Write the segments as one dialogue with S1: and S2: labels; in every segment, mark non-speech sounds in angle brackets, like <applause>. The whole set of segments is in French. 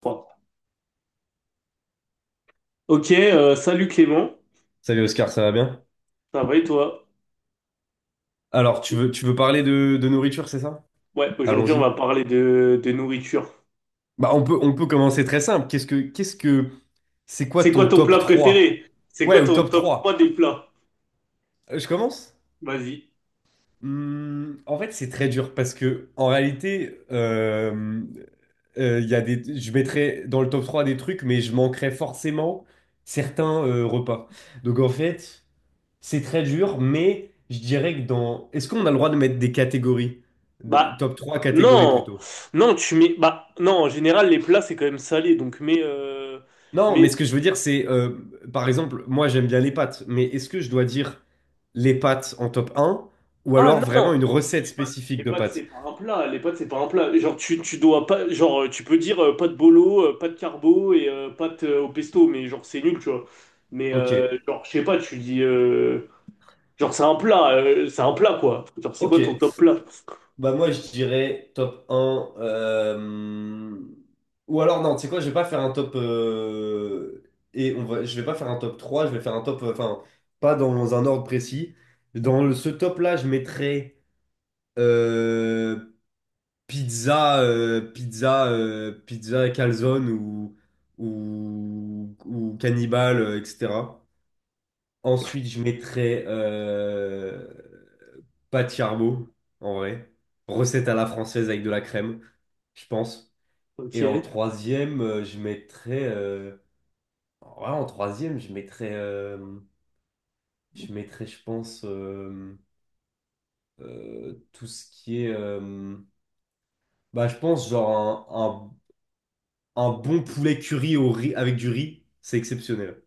S1: Trois. Ok, Salut Clément,
S2: Salut Oscar, ça va bien?
S1: ça va et toi?
S2: Alors, tu veux parler de nourriture, c'est ça?
S1: Ouais, aujourd'hui on
S2: Allons-y.
S1: va parler de nourriture.
S2: On peut commencer très simple. C'est quoi
S1: C'est quoi
S2: ton
S1: ton
S2: top
S1: plat
S2: trois?
S1: préféré? C'est
S2: Ouais,
S1: quoi
S2: au
S1: ton
S2: top
S1: top 3
S2: 3.
S1: des plats?
S2: Je commence?
S1: Vas-y.
S2: En fait, c'est très dur parce que, en réalité, il y a des, je mettrais dans le top 3 des trucs, mais je manquerais forcément certains repas. Donc, en fait, c'est très dur, mais je dirais que dans, est-ce qu'on a le droit de mettre des catégories?
S1: Bah,
S2: Top 3 catégories
S1: non,
S2: plutôt.
S1: non, tu mets. Bah, non, en général, les plats c'est quand même salé, donc
S2: Non, mais
S1: mais...
S2: ce que
S1: mais-
S2: je veux dire, c'est, par exemple, moi j'aime bien les pâtes, mais est-ce que je dois dire les pâtes en top 1 ou
S1: Ah
S2: alors vraiment
S1: non!
S2: une
S1: Mais
S2: recette
S1: les pâtes, les
S2: spécifique de
S1: pâtes,
S2: pâtes?
S1: c'est pas un plat, les pâtes c'est pas un plat. Genre, tu dois pas. Genre, tu peux dire pâtes bolo, pâtes carbo et pâtes au pesto, mais genre c'est nul, tu vois. Mais
S2: Ok,
S1: genre, je sais pas, tu dis. Genre, c'est un plat, quoi. Genre, c'est
S2: ok.
S1: quoi ton top plat?
S2: Bah moi je dirais top 1. Ou alors non, tu sais quoi, je vais pas faire un top... Et on va... je vais pas faire un top 3, je vais faire un top... Enfin, pas dans un ordre précis. Ce top-là, je mettrais euh, pizza, pizza, pizza et calzone ou cannibale, etc. Ensuite, je mettrais pâte charbo, en vrai. Recette à la française avec de la crème, je pense.
S1: Ok.
S2: Et en troisième, je mettrais... ouais, en troisième, je mettrais, euh, je mettrais, je pense, tout ce qui est... bah, je pense genre un bon poulet curry au riz, avec du riz, c'est exceptionnel.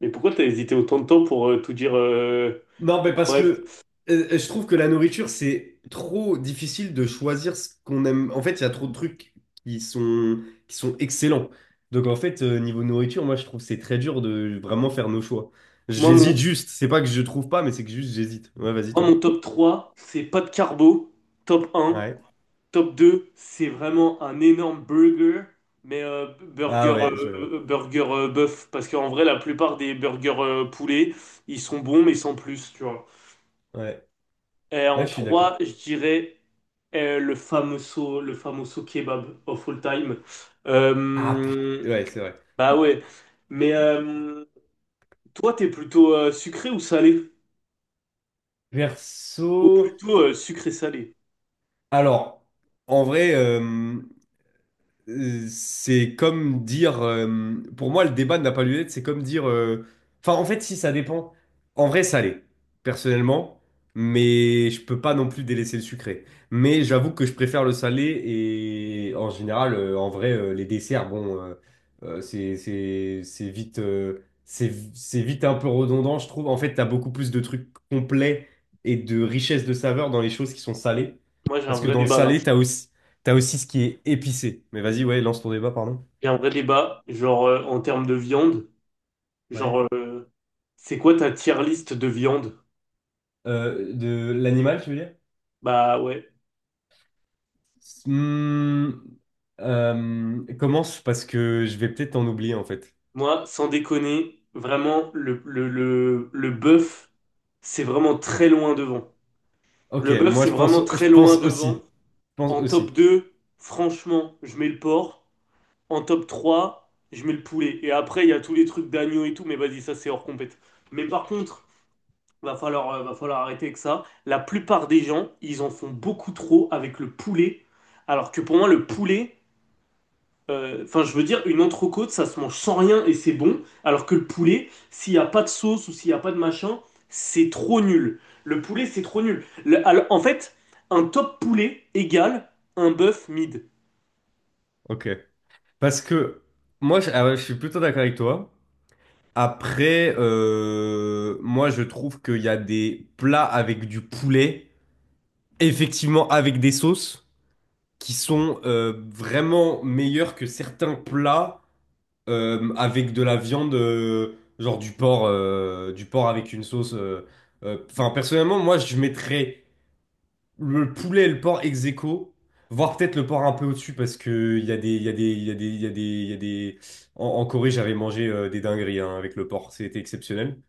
S1: Mais pourquoi t'as hésité autant de temps pour tout dire?
S2: Non, mais parce que
S1: Bref.
S2: je trouve que la nourriture, c'est trop difficile de choisir ce qu'on aime. En fait, il y a trop de trucs qui sont, qui sont excellents. Donc, en fait, niveau nourriture, moi, je trouve que c'est très dur de vraiment faire nos choix.
S1: Moi
S2: J'hésite
S1: mon,
S2: juste. C'est pas que je trouve pas, mais c'est que juste j'hésite. Ouais, vas-y,
S1: moi,
S2: toi.
S1: mon top 3, c'est pas de carbo. Top un.
S2: Ouais.
S1: Top 2, c'est vraiment un énorme burger. Mais
S2: Ah ouais, je...
S1: burger bœuf. Parce qu'en vrai, la plupart des burgers poulet, ils sont bons, mais sans plus, tu vois.
S2: ouais.
S1: Et
S2: Ouais,
S1: en
S2: je suis d'accord.
S1: 3, je dirais le famoso kebab of all time.
S2: Ah
S1: Euh,
S2: putain. Ouais, c'est vrai.
S1: Bah ouais. Mais toi, t'es plutôt sucré ou salé? Ou
S2: Perso.
S1: plutôt sucré-salé?
S2: Alors, en vrai. C'est comme dire, pour moi, le débat n'a pas lieu d'être. C'est comme dire, enfin, en fait, si ça dépend. En vrai, salé, personnellement, mais je peux pas non plus délaisser le sucré. Mais j'avoue que je préfère le salé et en général, en vrai, les desserts, bon, c'est vite c'est vite un peu redondant, je trouve. En fait, t'as beaucoup plus de trucs complets et de richesse de saveurs dans les choses qui sont salées,
S1: Moi, j'ai un
S2: parce que
S1: vrai
S2: dans le
S1: débat là.
S2: salé, t'as aussi ce qui est épicé. Mais vas-y, ouais, lance ton débat, pardon.
S1: J'ai un vrai débat, genre en termes de viande.
S2: Ouais.
S1: Genre, euh, c'est quoi ta tier list de viande?
S2: De l'animal, tu veux dire?
S1: Bah ouais.
S2: Hmm, commence parce que je vais peut-être en oublier en fait.
S1: Moi, sans déconner, vraiment, le bœuf, c'est vraiment très loin devant.
S2: Ok,
S1: Le bœuf, c'est vraiment
S2: je
S1: très
S2: pense
S1: loin
S2: aussi,
S1: devant.
S2: je pense
S1: En top
S2: aussi.
S1: 2 franchement, je mets le porc. En top 3, je mets le poulet. Et après, il y a tous les trucs d'agneau et tout, mais vas-y, ça c'est hors compète. Mais par contre, va falloir arrêter avec ça. La plupart des gens, ils en font beaucoup trop avec le poulet. Alors que pour moi, le poulet, enfin, je veux dire, une entrecôte, ça se mange sans rien et c'est bon. Alors que le poulet, s'il n'y a pas de sauce ou s'il n'y a pas de machin, c'est trop nul. Le poulet, c'est trop nul. Le- alors, en fait, un top poulet égale un bœuf mid.
S2: Ok, parce que ah ouais, je suis plutôt d'accord avec toi. Après, moi je trouve qu'il y a des plats avec du poulet, effectivement avec des sauces, qui sont vraiment meilleurs que certains plats avec de la viande, genre du porc, du porc avec une sauce. Enfin, personnellement, moi, je mettrais le poulet et le porc ex aequo, voire peut-être le porc un peu au-dessus, parce que il y a des, il y a des, il y a des, il y a des, il y a des. En, en Corée, j'avais mangé des dingueries hein, avec le porc, c'était exceptionnel.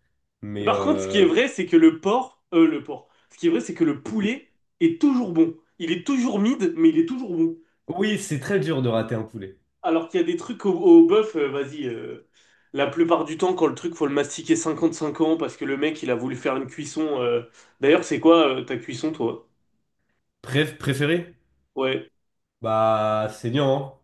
S2: Mais
S1: Par contre, ce qui est
S2: euh,
S1: vrai, c'est que ce qui est vrai, c'est que le poulet est toujours bon. Il est toujours mid, mais il est toujours bon.
S2: oui, c'est très dur de rater un poulet.
S1: Alors qu'il y a des trucs au bœuf, la plupart du temps, quand le truc, faut le mastiquer 55 ans parce que le mec, il a voulu faire une cuisson. D'ailleurs, c'est quoi ta cuisson, toi?
S2: Bref, préféré?
S1: Ouais.
S2: Bah, saignant, hein,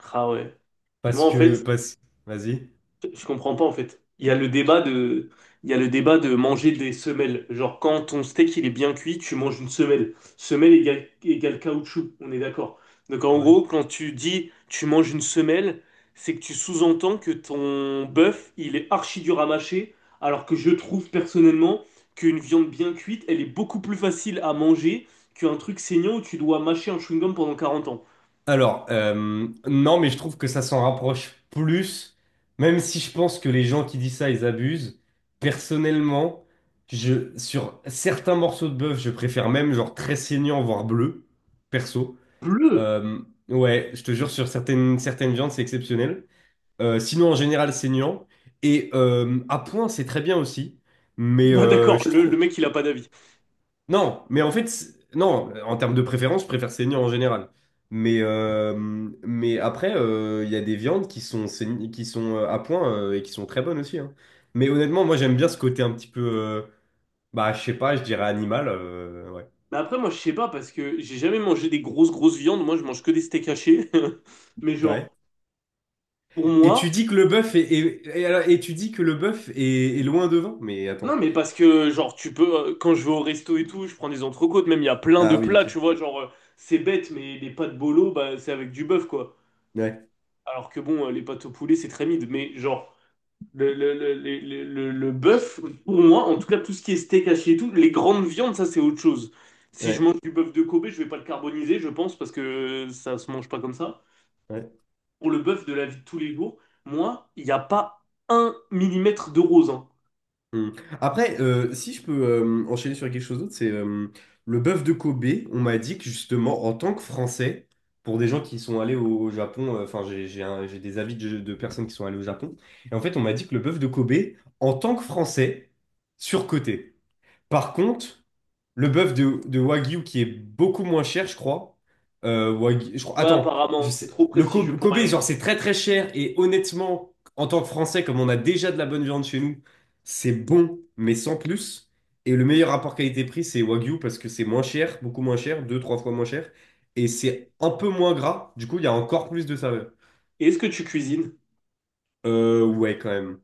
S1: Ah ouais.
S2: parce
S1: Moi, en
S2: que,
S1: fait,
S2: parce. Vas-y.
S1: Je comprends pas en fait. Il y a le débat de manger des semelles. Genre quand ton steak il est bien cuit, tu manges une semelle. Semelle égale, égale caoutchouc, on est d'accord. Donc en
S2: Ouais.
S1: gros, quand tu dis tu manges une semelle, c'est que tu sous-entends que ton bœuf il est archi dur à mâcher, alors que je trouve personnellement qu'une viande bien cuite, elle est beaucoup plus facile à manger qu'un truc saignant où tu dois mâcher un chewing-gum pendant 40 ans.
S2: Alors, non, mais je trouve que ça s'en rapproche plus, même si je pense que les gens qui disent ça, ils abusent. Personnellement, sur certains morceaux de bœuf, je préfère même genre très saignant, voire bleu, perso.
S1: Bleu! <laughs>
S2: Euh, ouais, je te jure, sur certaines viandes, c'est exceptionnel. Sinon, en général, saignant. Et à point, c'est très bien aussi. Mais
S1: Bah d'accord,
S2: euh, je
S1: le
S2: trouve,
S1: mec il a pas d'avis.
S2: non, mais en fait, non, en termes de préférence, je préfère saignant en général. Mais, euh, mais après, il y a des viandes qui sont à point et qui sont très bonnes aussi, hein. Mais honnêtement, moi, j'aime bien ce côté un petit peu, bah, je sais pas, je dirais animal. Ouais.
S1: Mais après, moi, je sais pas parce que j'ai jamais mangé des grosses, grosses viandes. Moi, je mange que des steaks hachés. <laughs> Mais
S2: Ouais.
S1: genre, pour
S2: Et tu
S1: moi,
S2: dis que le bœuf est, tu dis que le bœuf est, est loin devant? Mais
S1: non,
S2: attends.
S1: mais parce que, genre, quand je vais au resto et tout, je prends des entrecôtes. Même, il y a plein de
S2: Ah oui,
S1: plats,
S2: ok.
S1: tu vois. C'est bête, mais les pâtes bolo, bah, c'est avec du bœuf, quoi.
S2: Ouais,
S1: Alors que bon, les pâtes au poulet, c'est très mid. Mais genre, le bœuf, pour moi, en tout cas, tout ce qui est steak haché et tout, les grandes viandes, ça, c'est autre chose. Si je
S2: ouais,
S1: mange du bœuf de Kobe, je vais pas le carboniser, je pense, parce que ça se mange pas comme ça.
S2: ouais.
S1: Pour le bœuf de la vie de tous les jours, moi, il n'y a pas un millimètre de rose, hein.
S2: Hmm. Après, si je peux enchaîner sur quelque chose d'autre, c'est le bœuf de Kobe. On m'a dit que justement, en tant que Français, pour des gens qui sont allés au, au Japon, enfin, j'ai des avis de personnes qui sont allées au Japon, et en fait, on m'a dit que le bœuf de Kobe, en tant que Français, surcoté. Par contre, le bœuf de Wagyu qui est beaucoup moins cher, je crois. Je crois.
S1: Ouais,
S2: Attends,
S1: apparemment,
S2: je
S1: c'est
S2: sais.
S1: trop
S2: Le
S1: prestigieux
S2: Kobe,
S1: pour
S2: Kobe,
S1: rien.
S2: genre, c'est très très cher. Et honnêtement, en tant que Français, comme on a déjà de la bonne viande chez nous, c'est bon, mais sans plus. Et le meilleur rapport qualité-prix, c'est Wagyu parce que c'est moins cher, beaucoup moins cher, deux, trois fois moins cher. Et c'est un peu moins gras. Du coup, il y a encore plus de saveur.
S1: Et est-ce que tu cuisines?
S2: Ouais, quand même.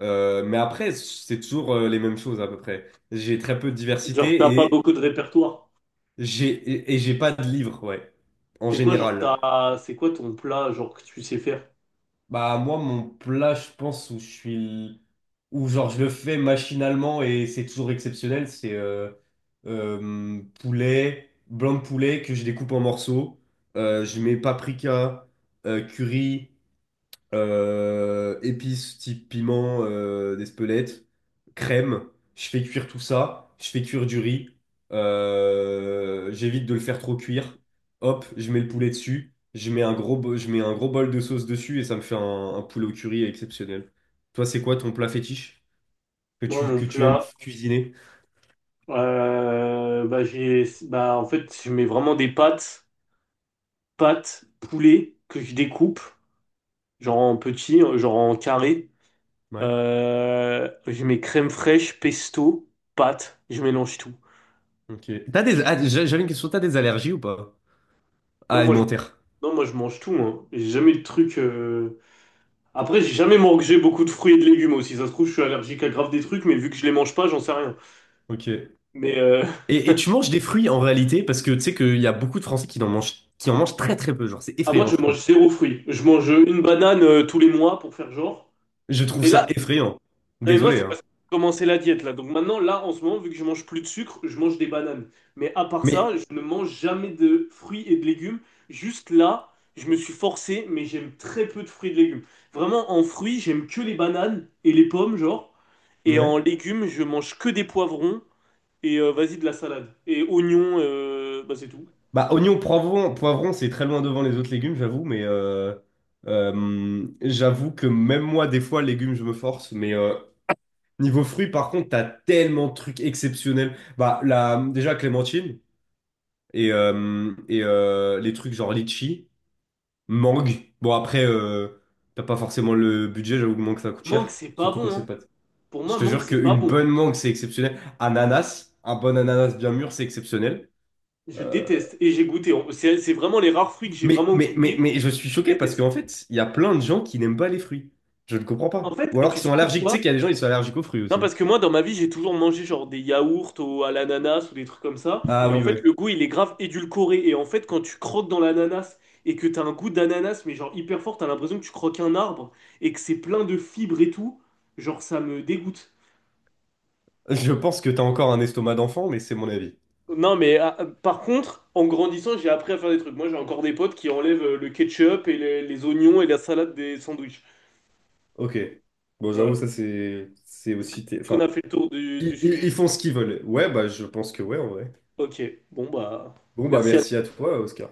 S2: Mais après, c'est toujours les mêmes choses à peu près. J'ai très peu de
S1: Genre, t'as pas
S2: diversité.
S1: beaucoup de répertoire.
S2: J'ai, et j'ai pas de livre, ouais, en
S1: C'est quoi, genre,
S2: général.
S1: t'as... C'est quoi ton plat, genre, que tu sais faire?
S2: Bah, moi, mon plat, je pense, où je suis. Où, genre, je le fais machinalement et c'est toujours exceptionnel, c'est poulet, blanc de poulet que je découpe en morceaux. Je mets paprika, curry, épices type piment, d'Espelette, crème. Je fais cuire tout ça. Je fais cuire du riz. J'évite de le faire trop cuire. Hop, je mets le poulet dessus. Je mets un gros bol de sauce dessus et ça me fait un poulet au curry exceptionnel. Toi, c'est quoi ton plat fétiche que
S1: Moi, mon
S2: tu aimes
S1: plat,
S2: cuisiner?
S1: bah, j'ai... Bah, en fait, je mets vraiment des pâtes, pâtes, poulet, que je découpe, genre en petits, genre en carré.
S2: Ouais.
S1: Je mets crème fraîche, pesto, pâtes, je mélange tout.
S2: Ok. T'as des, ah, j'a- j'avais une question. T'as des allergies ou pas? Ah,
S1: Non, moi, je
S2: alimentaire.
S1: Non, moi je mange tout, hein. J'ai jamais le truc. Après, j'ai jamais mangé beaucoup de fruits et de légumes aussi. Ça se trouve, je suis allergique à grave des trucs, mais vu que je les mange pas, j'en sais rien.
S2: Ok.
S1: Mais
S2: Et tu manges des fruits en réalité parce que tu sais qu'il y a beaucoup de Français qui en mangent très très peu. Genre, c'est
S1: <laughs> ah, moi,
S2: effrayant,
S1: je
S2: je trouve.
S1: mange zéro fruit. Je mange une banane tous les mois pour faire genre.
S2: Je trouve
S1: Mais
S2: ça
S1: là,
S2: effrayant.
S1: non, mais moi,
S2: Désolé,
S1: c'est
S2: hein.
S1: parce que j'ai commencé la diète, là. Donc maintenant, là, en ce moment, vu que je mange plus de sucre, je mange des bananes. Mais à part
S2: Mais,
S1: ça, je ne mange jamais de fruits et de légumes. Juste là, je me suis forcé, mais j'aime très peu de fruits et de légumes. Vraiment, en fruits, j'aime que les bananes et les pommes, genre. Et en
S2: ouais.
S1: légumes, je mange que des poivrons et vas-y, de la salade. Et oignons, bah, c'est tout.
S2: Bah, oignon, poivron, poivron, c'est très loin devant les autres légumes, j'avoue, j'avoue que même moi, des fois, légumes, je me force. Niveau fruits, par contre, t'as tellement de trucs exceptionnels. Bah, la, déjà, clémentine et, les trucs genre litchi. Mangue. Bon, après, t'as pas forcément le budget, j'avoue que mangue, ça coûte
S1: Mangue,
S2: cher.
S1: c'est pas
S2: Surtout quand
S1: bon,
S2: c'est
S1: hein.
S2: pâte.
S1: Pour
S2: Je
S1: moi,
S2: te
S1: mangue,
S2: jure
S1: c'est pas
S2: qu'une
S1: bon.
S2: bonne mangue, c'est exceptionnel. Ananas, un bon ananas bien mûr, c'est exceptionnel.
S1: Je
S2: Euh,
S1: déteste. Et j'ai goûté. C'est vraiment les rares fruits que j'ai vraiment goûté.
S2: mais je suis
S1: Je
S2: choqué parce
S1: déteste.
S2: qu'en fait, il y a plein de gens qui n'aiment pas les fruits. Je ne comprends
S1: En
S2: pas.
S1: fait,
S2: Ou alors
S1: tu
S2: qu'ils
S1: sais
S2: sont allergiques. Tu sais
S1: pourquoi?
S2: qu'il y a des gens, ils sont allergiques aux fruits
S1: Non,
S2: aussi, hein.
S1: parce que moi, dans ma vie, j'ai toujours mangé genre des yaourts à l'ananas ou des trucs comme ça.
S2: Ah
S1: Et en
S2: oui,
S1: fait,
S2: ouais.
S1: le goût, il est grave édulcoré. Et en fait, quand tu croques dans l'ananas et que t'as un goût d'ananas, mais genre hyper fort, t'as l'impression que tu croques un arbre et que c'est plein de fibres et tout. Genre, ça me dégoûte.
S2: Je pense que t'as encore un estomac d'enfant, mais c'est mon avis.
S1: Non, mais ah, par contre, en grandissant, j'ai appris à faire des trucs. Moi, j'ai encore des potes qui enlèvent le ketchup et les oignons et la salade des sandwichs.
S2: Ok. Bon, j'avoue,
S1: Voilà.
S2: ça, c'est
S1: Est-ce que-
S2: aussi...
S1: qu'on
S2: Enfin,
S1: a fait le tour du sujet?
S2: ils font ce qu'ils veulent. Ouais, bah, je pense que ouais, en vrai.
S1: Ok, bon, bah,
S2: Bon, bah,
S1: merci à
S2: merci à toi, Oscar.